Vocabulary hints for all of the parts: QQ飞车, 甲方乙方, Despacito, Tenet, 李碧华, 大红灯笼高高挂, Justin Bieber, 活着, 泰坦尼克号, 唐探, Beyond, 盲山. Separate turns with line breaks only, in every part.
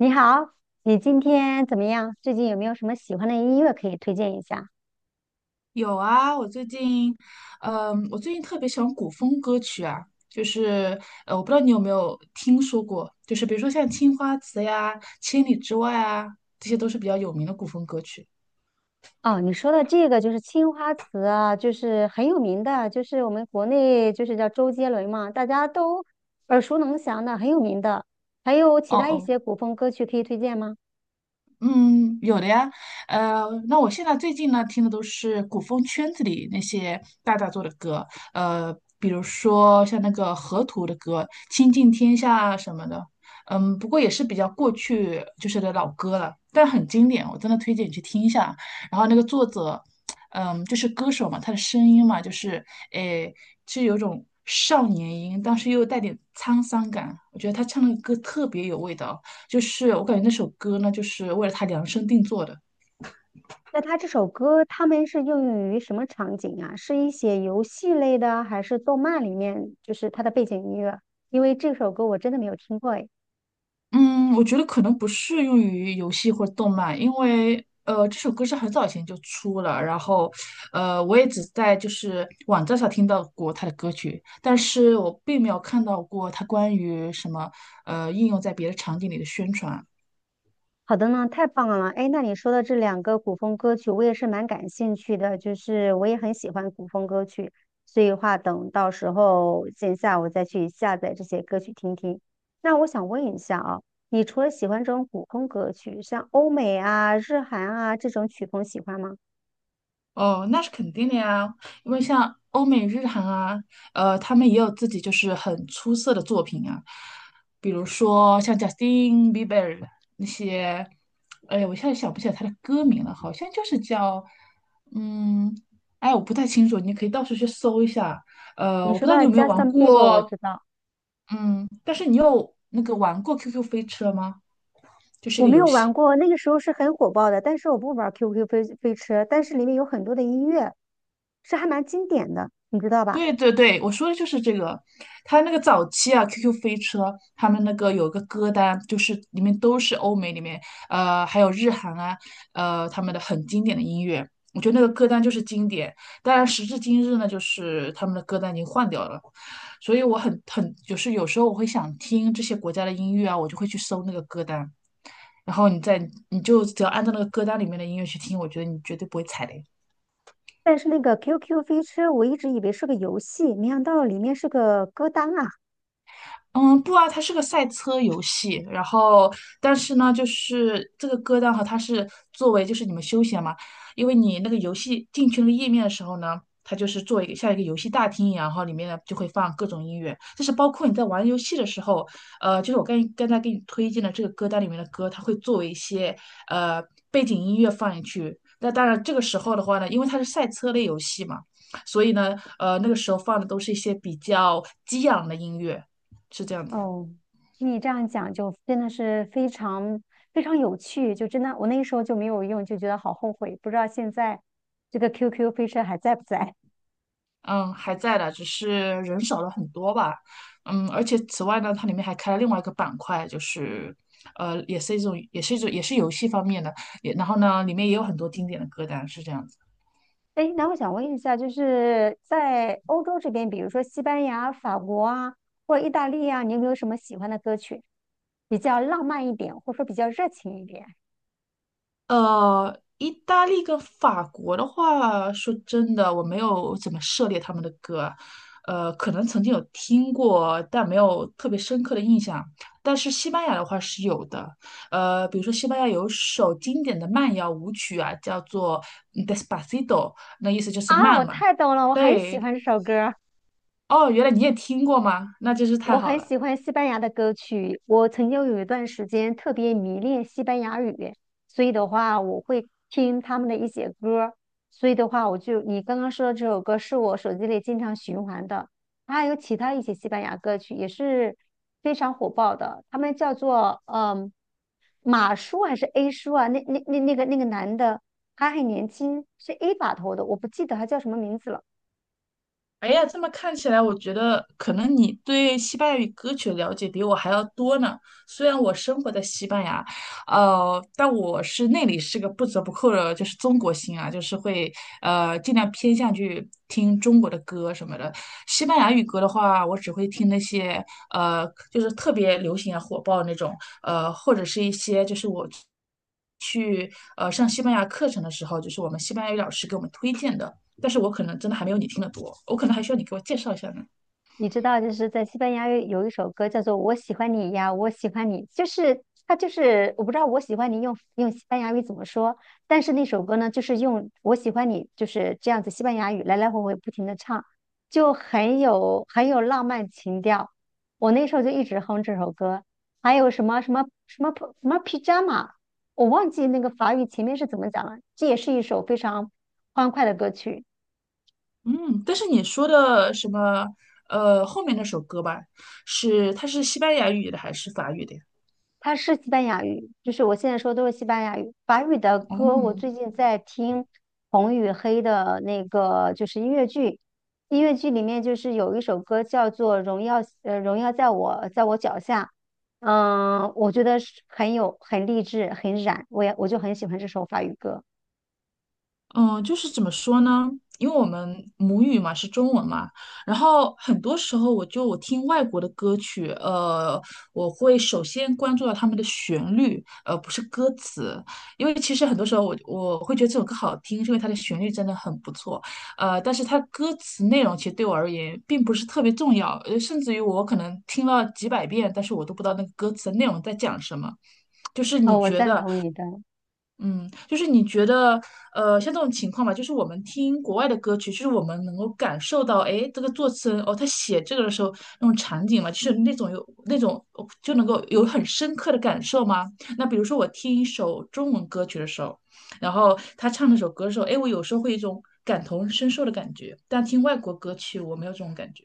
你好，你今天怎么样？最近有没有什么喜欢的音乐可以推荐一下？
有啊，我最近，我最近特别喜欢古风歌曲啊，我不知道你有没有听说过，就是比如说像《青花瓷》呀，《千里之外》啊，这些都是比较有名的古风歌曲。
哦，你说的这个就是青花瓷啊，就是很有名的，就是我们国内就是叫周杰伦嘛，大家都耳熟能详的，很有名的。还有其
哦
他一
哦，
些古风歌曲可以推荐吗？
嗯，有的呀，那我现在最近呢听的都是古风圈子里那些大大做的歌，呃，比如说像那个河图的歌《倾尽天下》什么的。嗯，不过也是比较过去就是的老歌了，但很经典，我真的推荐你去听一下。然后那个作者，嗯，就是歌手嘛，他的声音嘛，就是诶，是有种少年音，但是又带点沧桑感，我觉得他唱的歌特别有味道。就是我感觉那首歌呢，就是为了他量身定做的。
那他这首歌他们是应用于什么场景啊？是一些游戏类的，还是动漫里面就是它的背景音乐？因为这首歌我真的没有听过诶。
嗯，我觉得可能不适用于游戏或者动漫，因为这首歌是很早以前就出了，然后我也只在就是网站上听到过他的歌曲，但是我并没有看到过他关于什么应用在别的场景里的宣传。
好的呢，太棒了！哎，那你说的这两个古风歌曲，我也是蛮感兴趣的，就是我也很喜欢古风歌曲，所以的话，等到时候线下我再去下载这些歌曲听听。那我想问一下啊，你除了喜欢这种古风歌曲，像欧美啊、日韩啊这种曲风喜欢吗？
哦，那是肯定的呀，因为像欧美日韩啊，他们也有自己就是很出色的作品啊，比如说像 Justin Bieber 那些，哎呀，我现在想不起来他的歌名了，好像就是叫，嗯，哎，我不太清楚，你可以到处去搜一下。
你
我
说
不知道你
到
有没有玩
Justin Bieber，我
过，
知道，
嗯，但是你有那个玩过 QQ 飞车吗？就是一
我
个
没
游
有
戏。
玩过，那个时候是很火爆的，但是我不玩 QQ 飞车，但是里面有很多的音乐，是还蛮经典的，你知道吧？
对对对，我说的就是这个。他那个早期啊，QQ 飞车他们那个有个歌单，就是里面都是欧美里面，还有日韩啊，他们的很经典的音乐。我觉得那个歌单就是经典，当然时至今日呢，就是他们的歌单已经换掉了，所以我很就是有时候我会想听这些国家的音乐啊，我就会去搜那个歌单，然后你再你就只要按照那个歌单里面的音乐去听，我觉得你绝对不会踩雷。
但是那个 QQ 飞车，我一直以为是个游戏，没想到里面是个歌单啊！
嗯，不啊，它是个赛车游戏，然后但是呢，就是这个歌单哈，它是作为就是你们休闲嘛，因为你那个游戏进去那个页面的时候呢，它就是做一个像一个游戏大厅一样，然后里面呢就会放各种音乐，就是包括你在玩游戏的时候，就是我刚刚才给你推荐的这个歌单里面的歌，它会作为一些呃背景音乐放进去。那当然，这个时候的话呢，因为它是赛车类游戏嘛，所以呢，那个时候放的都是一些比较激昂的音乐。是这样子，
哦，听你这样讲，就真的是非常非常有趣，就真的我那时候就没有用，就觉得好后悔，不知道现在这个 QQ 飞车还在不在。
嗯，还在的，只是人少了很多吧，嗯，而且此外呢，它里面还开了另外一个板块，就是，也是一种，也是游戏方面的，也然后呢，里面也有很多经典的歌单，是这样子。
哎，那我想问一下，就是在欧洲这边，比如说西班牙、法国啊，或者意大利啊，你有没有什么喜欢的歌曲，比较浪漫一点，或者说比较热情一点？
意大利跟法国的话，说真的，我没有怎么涉猎他们的歌，可能曾经有听过，但没有特别深刻的印象。但是西班牙的话是有的，比如说西班牙有首经典的慢摇舞曲啊，叫做Despacito》,那意思就是
啊，我
慢嘛。
太懂了，我很喜
对，
欢这首歌。
哦，原来你也听过吗？那真是太
我
好
很
了。
喜欢西班牙的歌曲，我曾经有一段时间特别迷恋西班牙语，所以的话我会听他们的一些歌儿，所以的话我就你刚刚说的这首歌是我手机里经常循环的，还有其他一些西班牙歌曲也是非常火爆的，他们叫做马叔还是 A 叔啊？那个男的他很年轻，是 A 把头的，我不记得他叫什么名字了。
哎呀，这么看起来，我觉得可能你对西班牙语歌曲的了解比我还要多呢。虽然我生活在西班牙，但我是那里是个不折不扣的，就是中国心啊，就是会尽量偏向去听中国的歌什么的。西班牙语歌的话，我只会听那些就是特别流行啊、火爆那种，或者是一些就是我去上西班牙课程的时候，就是我们西班牙语老师给我们推荐的。但是我可能真的还没有你听得多，我可能还需要你给我介绍一下呢。
你知道，就是在西班牙语有一首歌叫做《我喜欢你呀，我喜欢你》，就是它就是我不知道"我喜欢你用"用西班牙语怎么说，但是那首歌呢，就是用"我喜欢你"就是这样子西班牙语来来回回不停的唱，就很有很有浪漫情调。我那时候就一直哼这首歌，还有什么 pajama，我忘记那个法语前面是怎么讲了，这也是一首非常欢快的歌曲。
嗯，但是你说的什么，后面那首歌吧，是它是西班牙语的还是法语的呀？
它是西班牙语，就是我现在说的都是西班牙语。法语的歌，我
哦、
最近在听红与黑的那个，就是音乐剧。音乐剧里面就是有一首歌叫做《荣耀》，《荣耀在我脚下》。嗯，我觉得是很有很励志，很燃，我就很喜欢这首法语歌。
嗯，就是怎么说呢？因为我们母语嘛是中文嘛，然后很多时候我就我听外国的歌曲，我会首先关注到他们的旋律，而不是歌词，因为其实很多时候我会觉得这首歌好听，是因为它的旋律真的很不错，但是它歌词内容其实对我而言并不是特别重要，甚至于我可能听了几百遍，但是我都不知道那个歌词内容在讲什么。就是
哦，
你
我
觉
赞
得
同你的。
嗯，就是你觉得，像这种情况吧，就是我们听国外的歌曲，就是我们能够感受到，哎，这个作词人哦，他写这个的时候那种场景嘛，就是那种有那种哦就能够有很深刻的感受吗？那比如说我听一首中文歌曲的时候，然后他唱那首歌的时候，哎，我有时候会有一种感同身受的感觉，但听外国歌曲我没有这种感觉。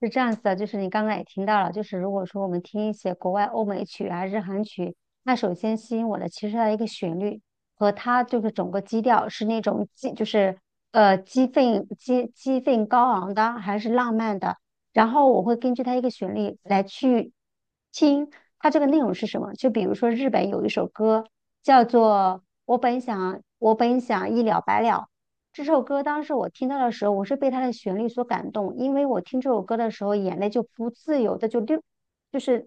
是这样子的，就是你刚刚也听到了，就是如果说我们听一些国外欧美曲啊、日韩曲，那首先吸引我的其实它的一个旋律和它就是整个基调是那种激，就是激愤、激愤高昂的，还是浪漫的。然后我会根据它一个旋律来去听它这个内容是什么。就比如说日本有一首歌叫做《我本想一了百了》，这首歌当时我听到的时候，我是被它的旋律所感动，因为我听这首歌的时候，眼泪就不自由的就流，就是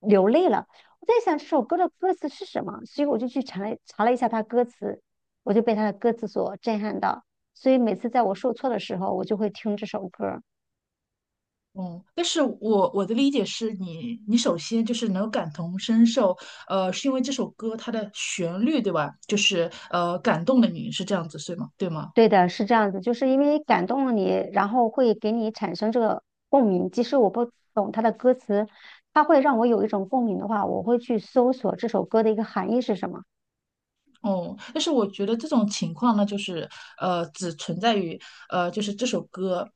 流泪了。我在想这首歌的歌词是什么，所以我就去查了一下它歌词，我就被它的歌词所震撼到。所以每次在我受挫的时候，我就会听这首歌。
嗯，但是我的理解是你，你首先就是能感同身受，是因为这首歌它的旋律，对吧？就是感动了你，是这样子，对吗？对吗？
对的，是这样子，就是因为感动了你，然后会给你产生这个共鸣。即使我不懂它的歌词，它会让我有一种共鸣的话，我会去搜索这首歌的一个含义是什么。
哦、但是我觉得这种情况呢，就是只存在于就是这首歌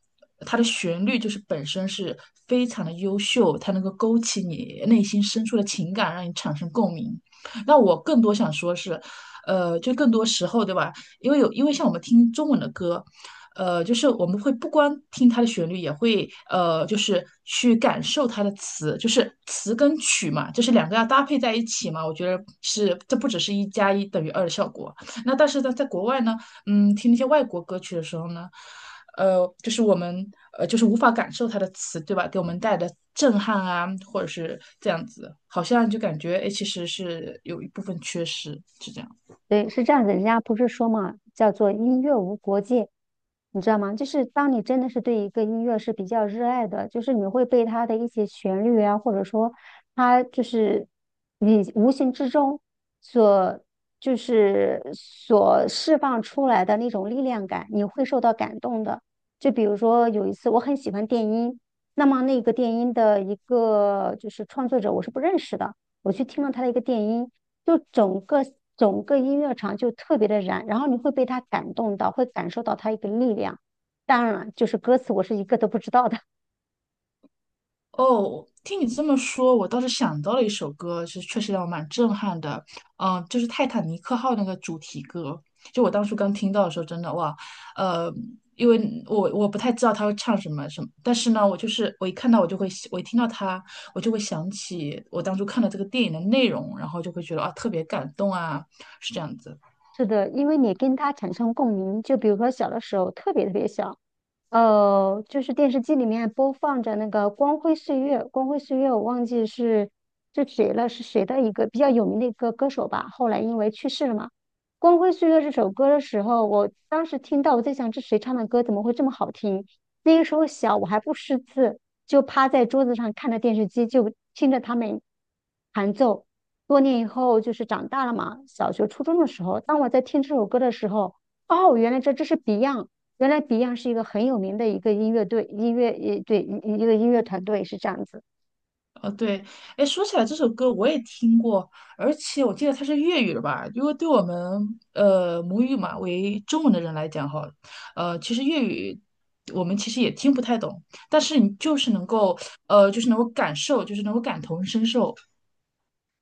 它的旋律就是本身是非常的优秀，它能够勾起你内心深处的情感，让你产生共鸣。那我更多想说是，就更多时候，对吧？因为有因为像我们听中文的歌，就是我们会不光听它的旋律，也会就是去感受它的词，就是词跟曲嘛，就是两个要搭配在一起嘛。我觉得是这不只是一加一等于二的效果。那但是呢，在国外呢，嗯，听那些外国歌曲的时候呢。就是我们就是无法感受它的词，对吧？给我们带来的震撼啊，或者是这样子，好像就感觉哎，诶其实是有一部分缺失，是这样。
对，是这样子，人家不是说嘛，叫做音乐无国界，你知道吗？就是当你真的是对一个音乐是比较热爱的，就是你会被它的一些旋律啊，或者说它就是你无形之中所就是所释放出来的那种力量感，你会受到感动的。就比如说有一次我很喜欢电音，那么那个电音的一个就是创作者我是不认识的。我去听了他的一个电音，就整个音乐场就特别的燃，然后你会被他感动到，会感受到他一个力量。当然了，就是歌词我是一个都不知道的。
哦，听你这么说，我倒是想到了一首歌，是确实让我蛮震撼的。嗯，就是《泰坦尼克号》那个主题歌，就我当初刚听到的时候，真的哇，呃，因为我不太知道他会唱什么什么，但是呢，我就是我一看到我就会，我一听到他，我就会想起我当初看了这个电影的内容，然后就会觉得啊，特别感动啊，是这样子。
是的，因为你跟他产生共鸣，就比如说小的时候特别特别小，就是电视机里面播放着那个《光辉岁月》，《光辉岁月》我忘记是谁了，是谁的一个比较有名的一个歌手吧，后来因为去世了嘛。《光辉岁月》这首歌的时候，我当时听到，我在想这谁唱的歌怎么会这么好听？那个时候小，我还不识字，就趴在桌子上看着电视机，就听着他们弹奏。多年以后，就是长大了嘛，小学、初中的时候，当我在听这首歌的时候，哦，原来这是 Beyond。原来 Beyond 是一个很有名的一个音乐队，音乐也对一个音乐团队是这样子。
哦，对，哎，说起来这首歌我也听过，而且我记得它是粤语的吧？因为对我们母语嘛为中文的人来讲哈，其实粤语我们其实也听不太懂，但是你就是能够就是能够感受，就是能够感同身受。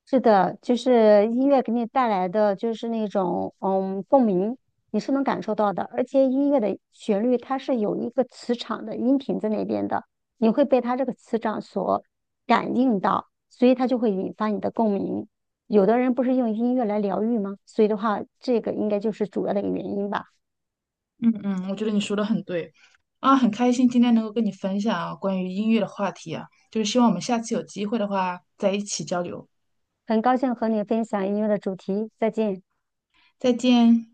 是的，就是音乐给你带来的就是那种共鸣，你是能感受到的。而且音乐的旋律它是有一个磁场的音频在那边的，你会被它这个磁场所感应到，所以它就会引发你的共鸣。有的人不是用音乐来疗愈吗？所以的话，这个应该就是主要的一个原因吧。
嗯嗯，我觉得你说的很对啊，很开心今天能够跟你分享啊关于音乐的话题啊，就是希望我们下次有机会的话在一起交流，
很高兴和你分享音乐的主题，再见。
再见。